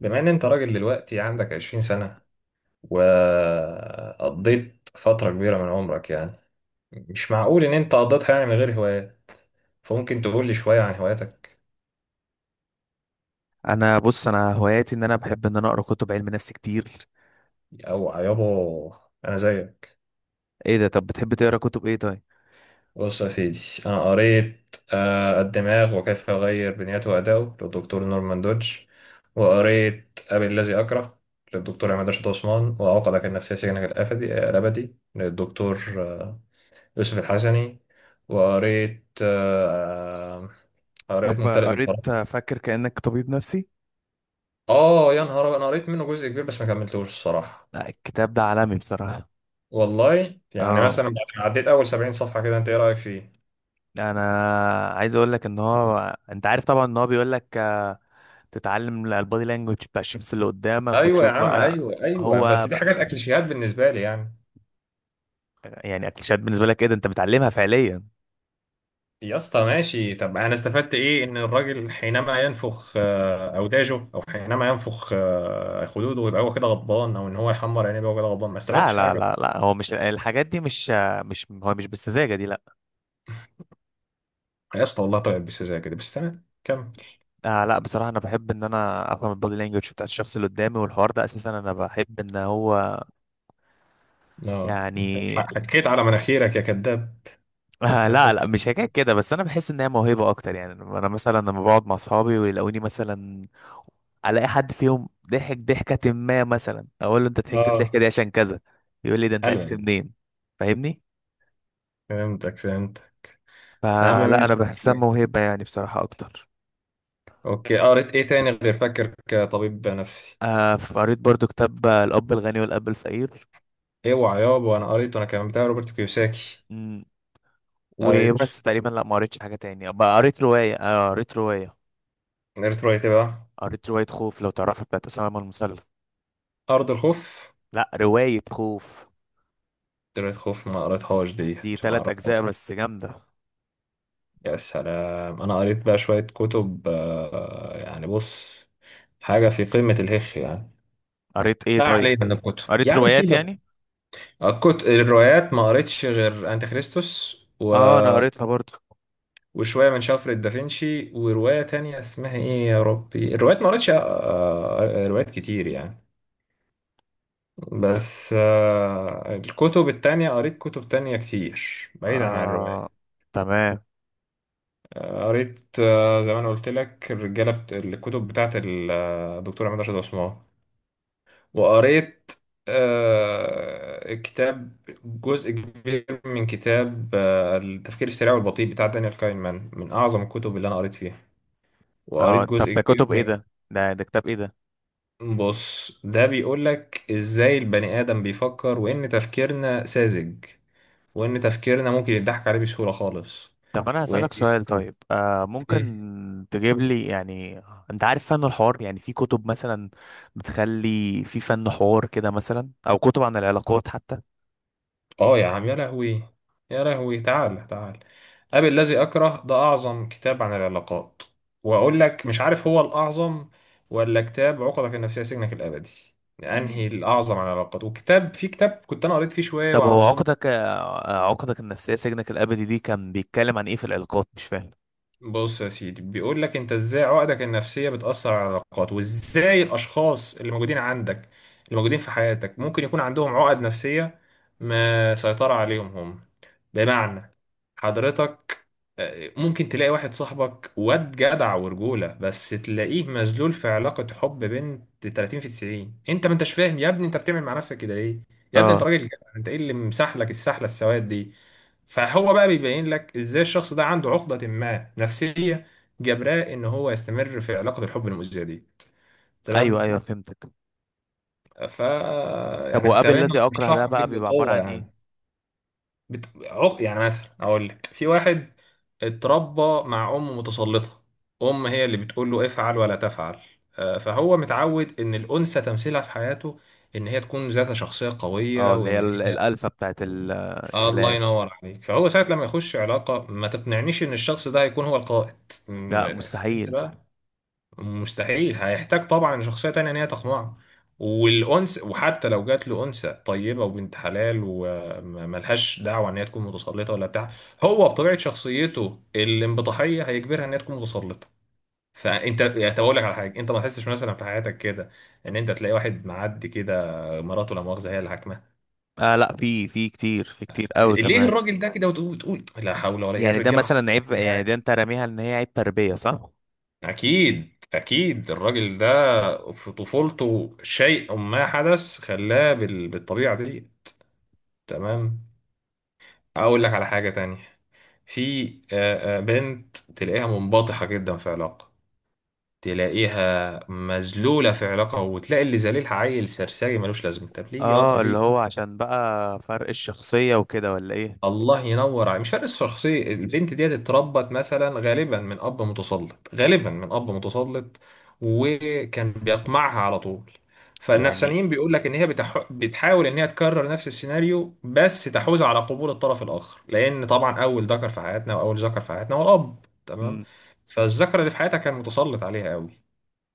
بما ان انت راجل دلوقتي عندك 20 سنة، وقضيت فترة كبيرة من عمرك يعني، مش معقول ان انت قضيتها يعني من غير هوايات، فممكن تقول لي شوية عن هواياتك. انا بص انا هواياتي ان انا بحب ان انا اقرا كتب علم نفس كتير. او يابا، انا زيك. ايه ده؟ طب بتحب تقرا كتب ايه طيب؟ بص يا سيدي، انا قريت الدماغ وكيف يغير بنيته أداؤه للدكتور نورمان دودج، وقريت أبي الذي أكره للدكتور عماد رشاد عثمان، وعقدك النفسية سجنك الأبدي للدكتور يوسف الحسني. وقريت قريت طب ممتلئ قريت بالفراغ. فاكر كأنك طبيب نفسي. اه يا نهار أبيض، انا قريت منه جزء كبير بس ما كملتوش الصراحه. لا الكتاب ده عالمي بصراحة. والله يعني اه، مثلا بعد ما عديت اول 70 صفحه كده، انت ايه رايك فيه؟ انا عايز اقول لك ان هو انت عارف طبعا ان هو بيقول لك تتعلم البادي لانجوج بتاع الشخص اللي قدامك ايوه يا وتشوف عم، بقى. ايوه ايوه، هو بس دي حاجات اكليشيهات بالنسبه لي يعني. يعني اكليشات بالنسبه لك؟ ايه ده انت بتعلمها فعليا؟ يا اسطى ماشي، طب انا استفدت ايه؟ ان الراجل حينما ينفخ اوداجه، او حينما ينفخ خدوده، يبقى هو كده غضبان، او ان هو يحمر عينيه يبقى هو كده غضبان. ما لا استفدتش لا حاجه. لا لا، هو مش الحاجات دي، مش هو مش بالسذاجه دي، لا. يا اسطى والله، طيب بس زي كده، بس تمام كمل. لا بصراحه انا بحب ان انا افهم البادي لانجوج بتاعت الشخص اللي قدامي، والحوار ده اساسا انا بحب ان هو اه انت يعني. حكيت على مناخيرك يا كذاب. عارف لا انت. لا، مش حكايه كده، بس انا بحس ان هي موهبه اكتر يعني. انا مثلا لما بقعد مع اصحابي ويلاقوني مثلا الاقي حد فيهم ضحك ضحكه ما، مثلا اقول له انت ضحكت اه. الضحكه دي عشان كذا، يقول لي ده انت حلو عرفت يعني. منين؟ فاهمني؟ فهمتك فهمتك. يا عم فلا انا ماشي، بحسها اوكي. موهبه يعني بصراحه اكتر. اوكي، قريت ايه تاني غير فاكر كطبيب نفسي؟ قريت برضو كتاب، الأب الغني والأب الفقير. اوعى يابا، انا قريته انا كمان، بتاع روبرت كيوساكي. مم، قريته. وبس تقريبا. لا ما قريتش حاجة تاني بقى. قريت رواية، قريت رواية ايه بقى؟ قريت رواية خوف لو تعرفها، بتاعت أسامة من المسلم. ارض الخوف. لا رواية خوف. قريت خوف ما قريتهاش دي ديت، ما تلات اعرفهاش. أجزاء بس جامدة. يا سلام، انا قريت بقى شوية كتب آه يعني، بص، حاجة في قمة الهخ يعني. قريت إيه لا طيب؟ علينا من الكتب يا قريت عم، روايات سيبك. يعني. كنت الروايات ما قريتش غير انت كريستوس و... آه أنا قريتها برضو. وشويه من شفرة دافنشي، وروايه تانية اسمها ايه يا ربي، الروايات ما قريتش روايات كتير يعني. بس الكتب التانية قريت كتب تانية كتير بعيدا عن آه، الروايات. تمام. قريت زي ما انا قلت لك الرجاله الكتب بتاعت الدكتور عماد رشاد عثمان. وقريت كتاب، جزء كبير من كتاب التفكير السريع والبطيء بتاع دانيال كاينمان، من أعظم الكتب اللي أنا قريت فيها. وقريت آه طب جزء ده كبير كتب إيه من، ده؟ ده كتاب إيه ده؟ بص ده بيقول لك إزاي البني آدم بيفكر، وإن تفكيرنا ساذج، وإن تفكيرنا ممكن يضحك عليه بسهولة خالص، طب انا هسألك وإن سؤال طيب، ممكن تجيب لي يعني. انت عارف فن الحوار، يعني في كتب مثلا بتخلي في فن حوار كده مثلا، او كتب عن العلاقات حتى. اه يا عم يا لهوي، يا لهوي، تعال تعال. أبي الذي أكره ده أعظم كتاب عن العلاقات، وأقول لك مش عارف هو الأعظم ولا كتاب عقدك النفسية سجنك الأبدي، أنهي مم. الأعظم عن العلاقات. وكتاب في كتاب كنت أنا قريت فيه شوية، طب وعلى ما هو أظن، عقدك، عقدك النفسية سجنك الابدي دي كان بيتكلم عن ايه في العلاقات؟ مش فاهم. بص يا سيدي، بيقول لك انت ازاي عقدك النفسية بتأثر على العلاقات، وازاي الاشخاص اللي موجودين عندك، اللي موجودين في حياتك، ممكن يكون عندهم عقد نفسية ما سيطرة عليهم هم. بمعنى، حضرتك ممكن تلاقي واحد صاحبك واد جدع ورجولة، بس تلاقيه مذلول في علاقة حب بنت 30 في 90. انت ما انتش فاهم يا ابني انت بتعمل مع نفسك كده ليه؟ يا ابني انت اه راجل جدع، انت ايه اللي مسحلك السحلة السواد دي؟ فهو بقى بيبين لك ازاي الشخص ده عنده عقدة ما نفسية، جبراه ان هو يستمر في علاقة الحب المؤذية دي. ايوه تمام. ايوه فهمتك. ف طب يعني كنت وقابل هبين الذي اكره ده بشرحهم بقى لك بيبقى عبارة بقوة عن يعني. ايه؟ يعني مثلا اقول لك في واحد اتربى مع ام متسلطة، ام هي اللي بتقول له افعل ولا تفعل. فهو متعود ان الانثى تمثيلها في حياته ان هي تكون ذات شخصية قوية، اه، اللي هي وان هي الالفة بتاعت الله الكلام. ينور عليك، فهو ساعة لما يخش علاقة ما تقنعنيش ان الشخص ده هيكون هو القائد. لا فهمت مستحيل. بقى؟ مستحيل، هيحتاج طبعا شخصية تانية ان هي تقنعه. والأنس، وحتى لو جات له أنثى طيبة وبنت حلال وملهاش دعوة ان هي تكون متسلطة ولا بتاع، هو بطبيعة شخصيته الانبطاحية هيجبرها ان هي تكون متسلطة. فانت هقول لك على حاجة، انت ما تحسش مثلا في حياتك كده ان انت تلاقي واحد معدي كده مراته لا مؤاخذة هي اللي، لا، في في كتير، في كتير قوي ليه كمان. الراجل ده كده؟ وتقول لا حول ولا قوه، يعني ده الرجاله مثلا عصبية عيب، يا يعني جدعان. ده انت راميها ان هي عيب تربية صح؟ اكيد اكيد الراجل ده في طفولته شيء ما حدث خلاه بالطبيعه دي. تمام. اقول لك على حاجه تانية، في بنت تلاقيها منبطحه جدا في علاقه، تلاقيها مذلوله في علاقه، وتلاقي اللي ذليلها عيل سرسجي ملوش لازمه. طب ليه اه، اللي هو ليه؟ عشان بقى فرق الشخصية وكده ولا ايه؟ الله ينور عليك، مش فرق الشخصية. البنت ديت اتربت مثلا غالبا من أب متسلط، غالبا من أب متسلط، وكان بيقمعها على طول. يعني. فالنفسانيين بيقول لك إن هي بتحاول إن هي تكرر نفس السيناريو، بس تحوز على قبول الطرف الآخر، لأن طبعا أول ذكر في حياتنا، وأول ذكر في حياتنا هو الأب. تمام. مم. فالذكر اللي في حياتها كان متسلط عليها قوي،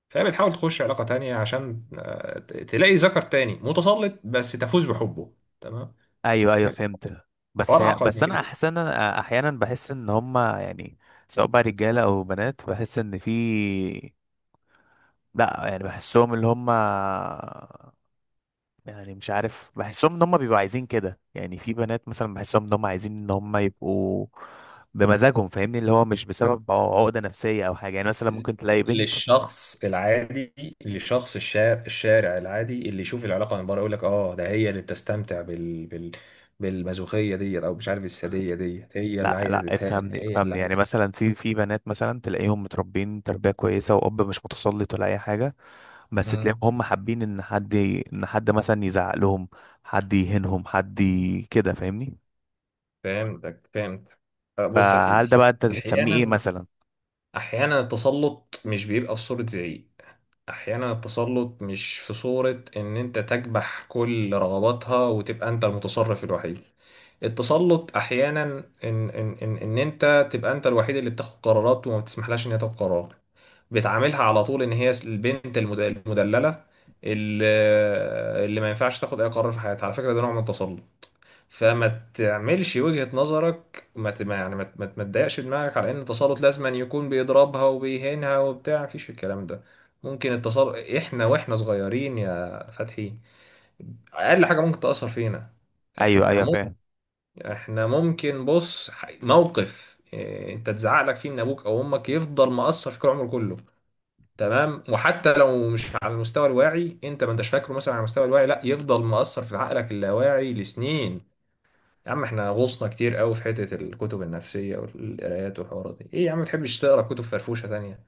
فهي بتحاول تخش علاقة تانية عشان تلاقي ذكر تاني متسلط بس تفوز بحبه. تمام. ايوه ايوه فهمت. بس حوار هي أعقد بس من انا كده. احسنا احيانا بحس ان هما يعني سواء بقى رجالة او بنات، بحس ان في، لا يعني بحسهم اللي هما يعني، مش عارف بحسهم ان هما بيبقوا عايزين كده يعني. في بنات مثلا بحسهم ان هما عايزين ان هما يبقوا بمزاجهم، فاهمني؟ اللي هو مش بسبب عقدة نفسية او حاجة، يعني مثلا ممكن تلاقي بنت. للشخص العادي، لشخص الشارع العادي اللي يشوف العلاقه من بره، يقول لك اه ده هي اللي بتستمتع بالمازوخيه ديت، او مش عارف الساديه ديت، هي اللي لا عايزه لا تتهان، افهمني هي اللي افهمني، يعني عايزه. مثلا في بنات مثلا تلاقيهم متربين تربية كويسة، وأب مش متسلط ولا أي حاجة، بس تلاقيهم مم. هم حابين إن حد مثلا يزعق لهم، حد يهينهم، كده فاهمني. فهمتك فهمت. أه، بص يا فهل ده سيدي، بقى أنت بتسميه إيه احيانا مثلا؟ التسلط مش بيبقى في صوره زعيق. احيانا التسلط مش في صورة ان انت تكبح كل رغباتها وتبقى انت المتصرف الوحيد. التسلط احيانا إن انت تبقى انت الوحيد اللي بتاخد قرارات، وما بتسمحلهاش ان هي تاخد قرار. بتعاملها على طول ان هي البنت المدللة، اللي, اللي ما ينفعش تاخد اي قرار في حياتها. على فكرة ده نوع من التسلط، فما تعملش وجهة نظرك ما ت- ما- يعني ما تضايقش دماغك على ان التسلط لازم أن يكون بيضربها وبيهينها وبتاع، مفيش الكلام ده. ممكن التسلط احنا واحنا صغيرين يا فتحي اقل حاجة ممكن تأثر فينا. أيوه احنا أيوه ممكن فاهم. احنا ممكن، بص موقف إيه، انت تزعق لك فيه من ابوك او امك، يفضل مأثر فيك العمر كله. تمام، وحتى لو مش على المستوى الواعي، انت ما انتش فاكره مثلا على المستوى الواعي، لا يفضل مأثر في عقلك اللاواعي لسنين. يا عم احنا غوصنا كتير قوي في حتة الكتب النفسية والقرايات والحوارات دي، ايه يا عم متحبش تقرا كتب فرفوشة تانية؟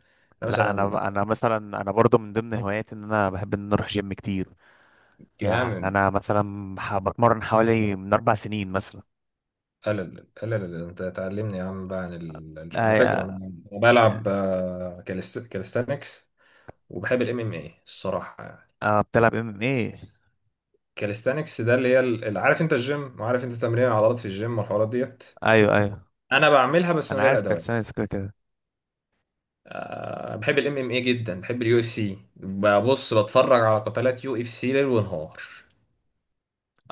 انا لا مثلا أنا، أنا مثلا أنا برضو من ضمن هواياتي إن أنا بحب إن أنا أروح جيم كتير. يعني جامد. أنا مثلا بتمرن حوالي من أربع سنين مثلا. قلل انت تعلمني يا عم بقى عن على فكرة انا، أي- أنا بلعب كاليستانكس، وبحب الام ام اي الصراحة يعني. أه بتلعب ام ام ايه؟ كاليستانكس ده اللي هي عارف انت الجيم، وعارف انت تمرين العضلات في الجيم والحوارات ديت، ايوه ايوه انا بعملها بس من انا غير عارف ادوات. كالسينس كده كده. بحب الام ام اي جدا، بحب اليو اف سي، ببص بتفرج على قتالات يو اف سي ليل ونهار.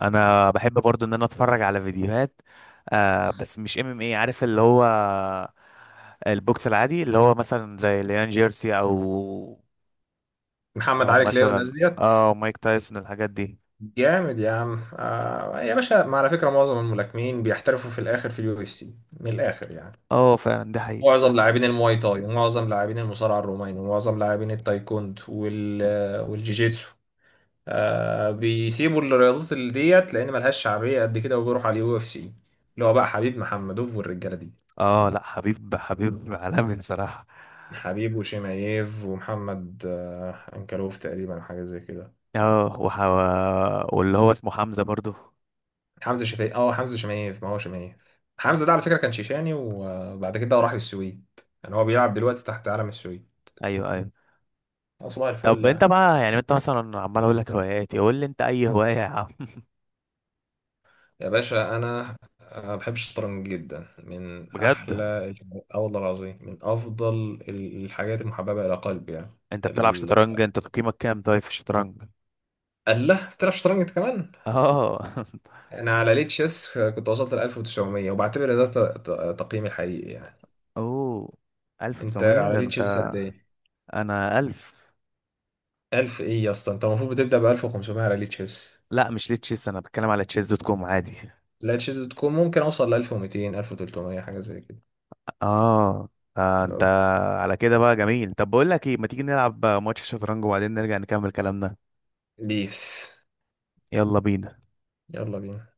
انا بحب برضو ان انا اتفرج على فيديوهات، بس مش ام ام اي، عارف اللي هو البوكس العادي اللي هو مثلا زي ليان جيرسي، او محمد او علي كلاي والناس مثلا ديت. اه مايك تايسون الحاجات دي. جامد يا عم، آه يا باشا، ما على فكره معظم الملاكمين بيحترفوا في الاخر في اليو اف سي. من الاخر يعني، اه فعلا دي حقيقة. معظم لاعبين المواي تاي، ومعظم لاعبين المصارعه الروماني، ومعظم لاعبين التايكوند والجيجيتسو، آه بيسيبوا الرياضات اللي ديت لان ملهاش شعبيه قد كده، وبيروحوا على اليو اف سي، اللي هو بقى حبيب محمدوف والرجاله دي. اه لا، حبيب حبيب عالمي بصراحة. حبيب وشيمايف ومحمد آه انكلوف تقريبا، أو حاجه زي كده. اه وح... واللي هو اسمه حمزة برضو. حمزه شفايف، اه حمزه شمايف، ما هو شمايف. حمزه ده على فكره كان شيشاني وبعد كده راح للسويد، يعني هو مم. بيلعب دلوقتي تحت علم السويد. ايوه ايوه. أه، صباح الفل طب انت يعني. بقى يعني، انت مثلا عمال اقول لك هواياتي، قول لي انت اي هواية يا عم. يا باشا انا أه، بحب الشطرنج جدا، من احلى بجد؟ اه والله العظيم من افضل الحاجات المحببه الى قلبي يعني. انت بتلعب ال... شطرنج؟ انت تقييمك كام طيب في الشطرنج؟ الله، بتلعب شطرنج انت كمان؟ اه. انا على ليه تشيس كنت وصلت ل 1900، وبعتبر ده تقييمي الحقيقي يعني. اوه، انت 1900 على ده ليه انت! تشيس قد ايه؟ انا 1000. 1000 ايه يا اسطى، انت المفروض بتبدا ب 1500 على ليه تشيس. لا مش لتشيس، انا بتكلم على تشيس دوت كوم عادي. لاتشز تكون ممكن اوصل ل 1200 1300 حاجه زي كده. اه، انت لو- على كده بقى جميل. طب بقول لك ايه، ما تيجي نلعب ماتش شطرنج وبعدين نرجع نكمل كلامنا. بيس، يلا بينا. يلا بينا.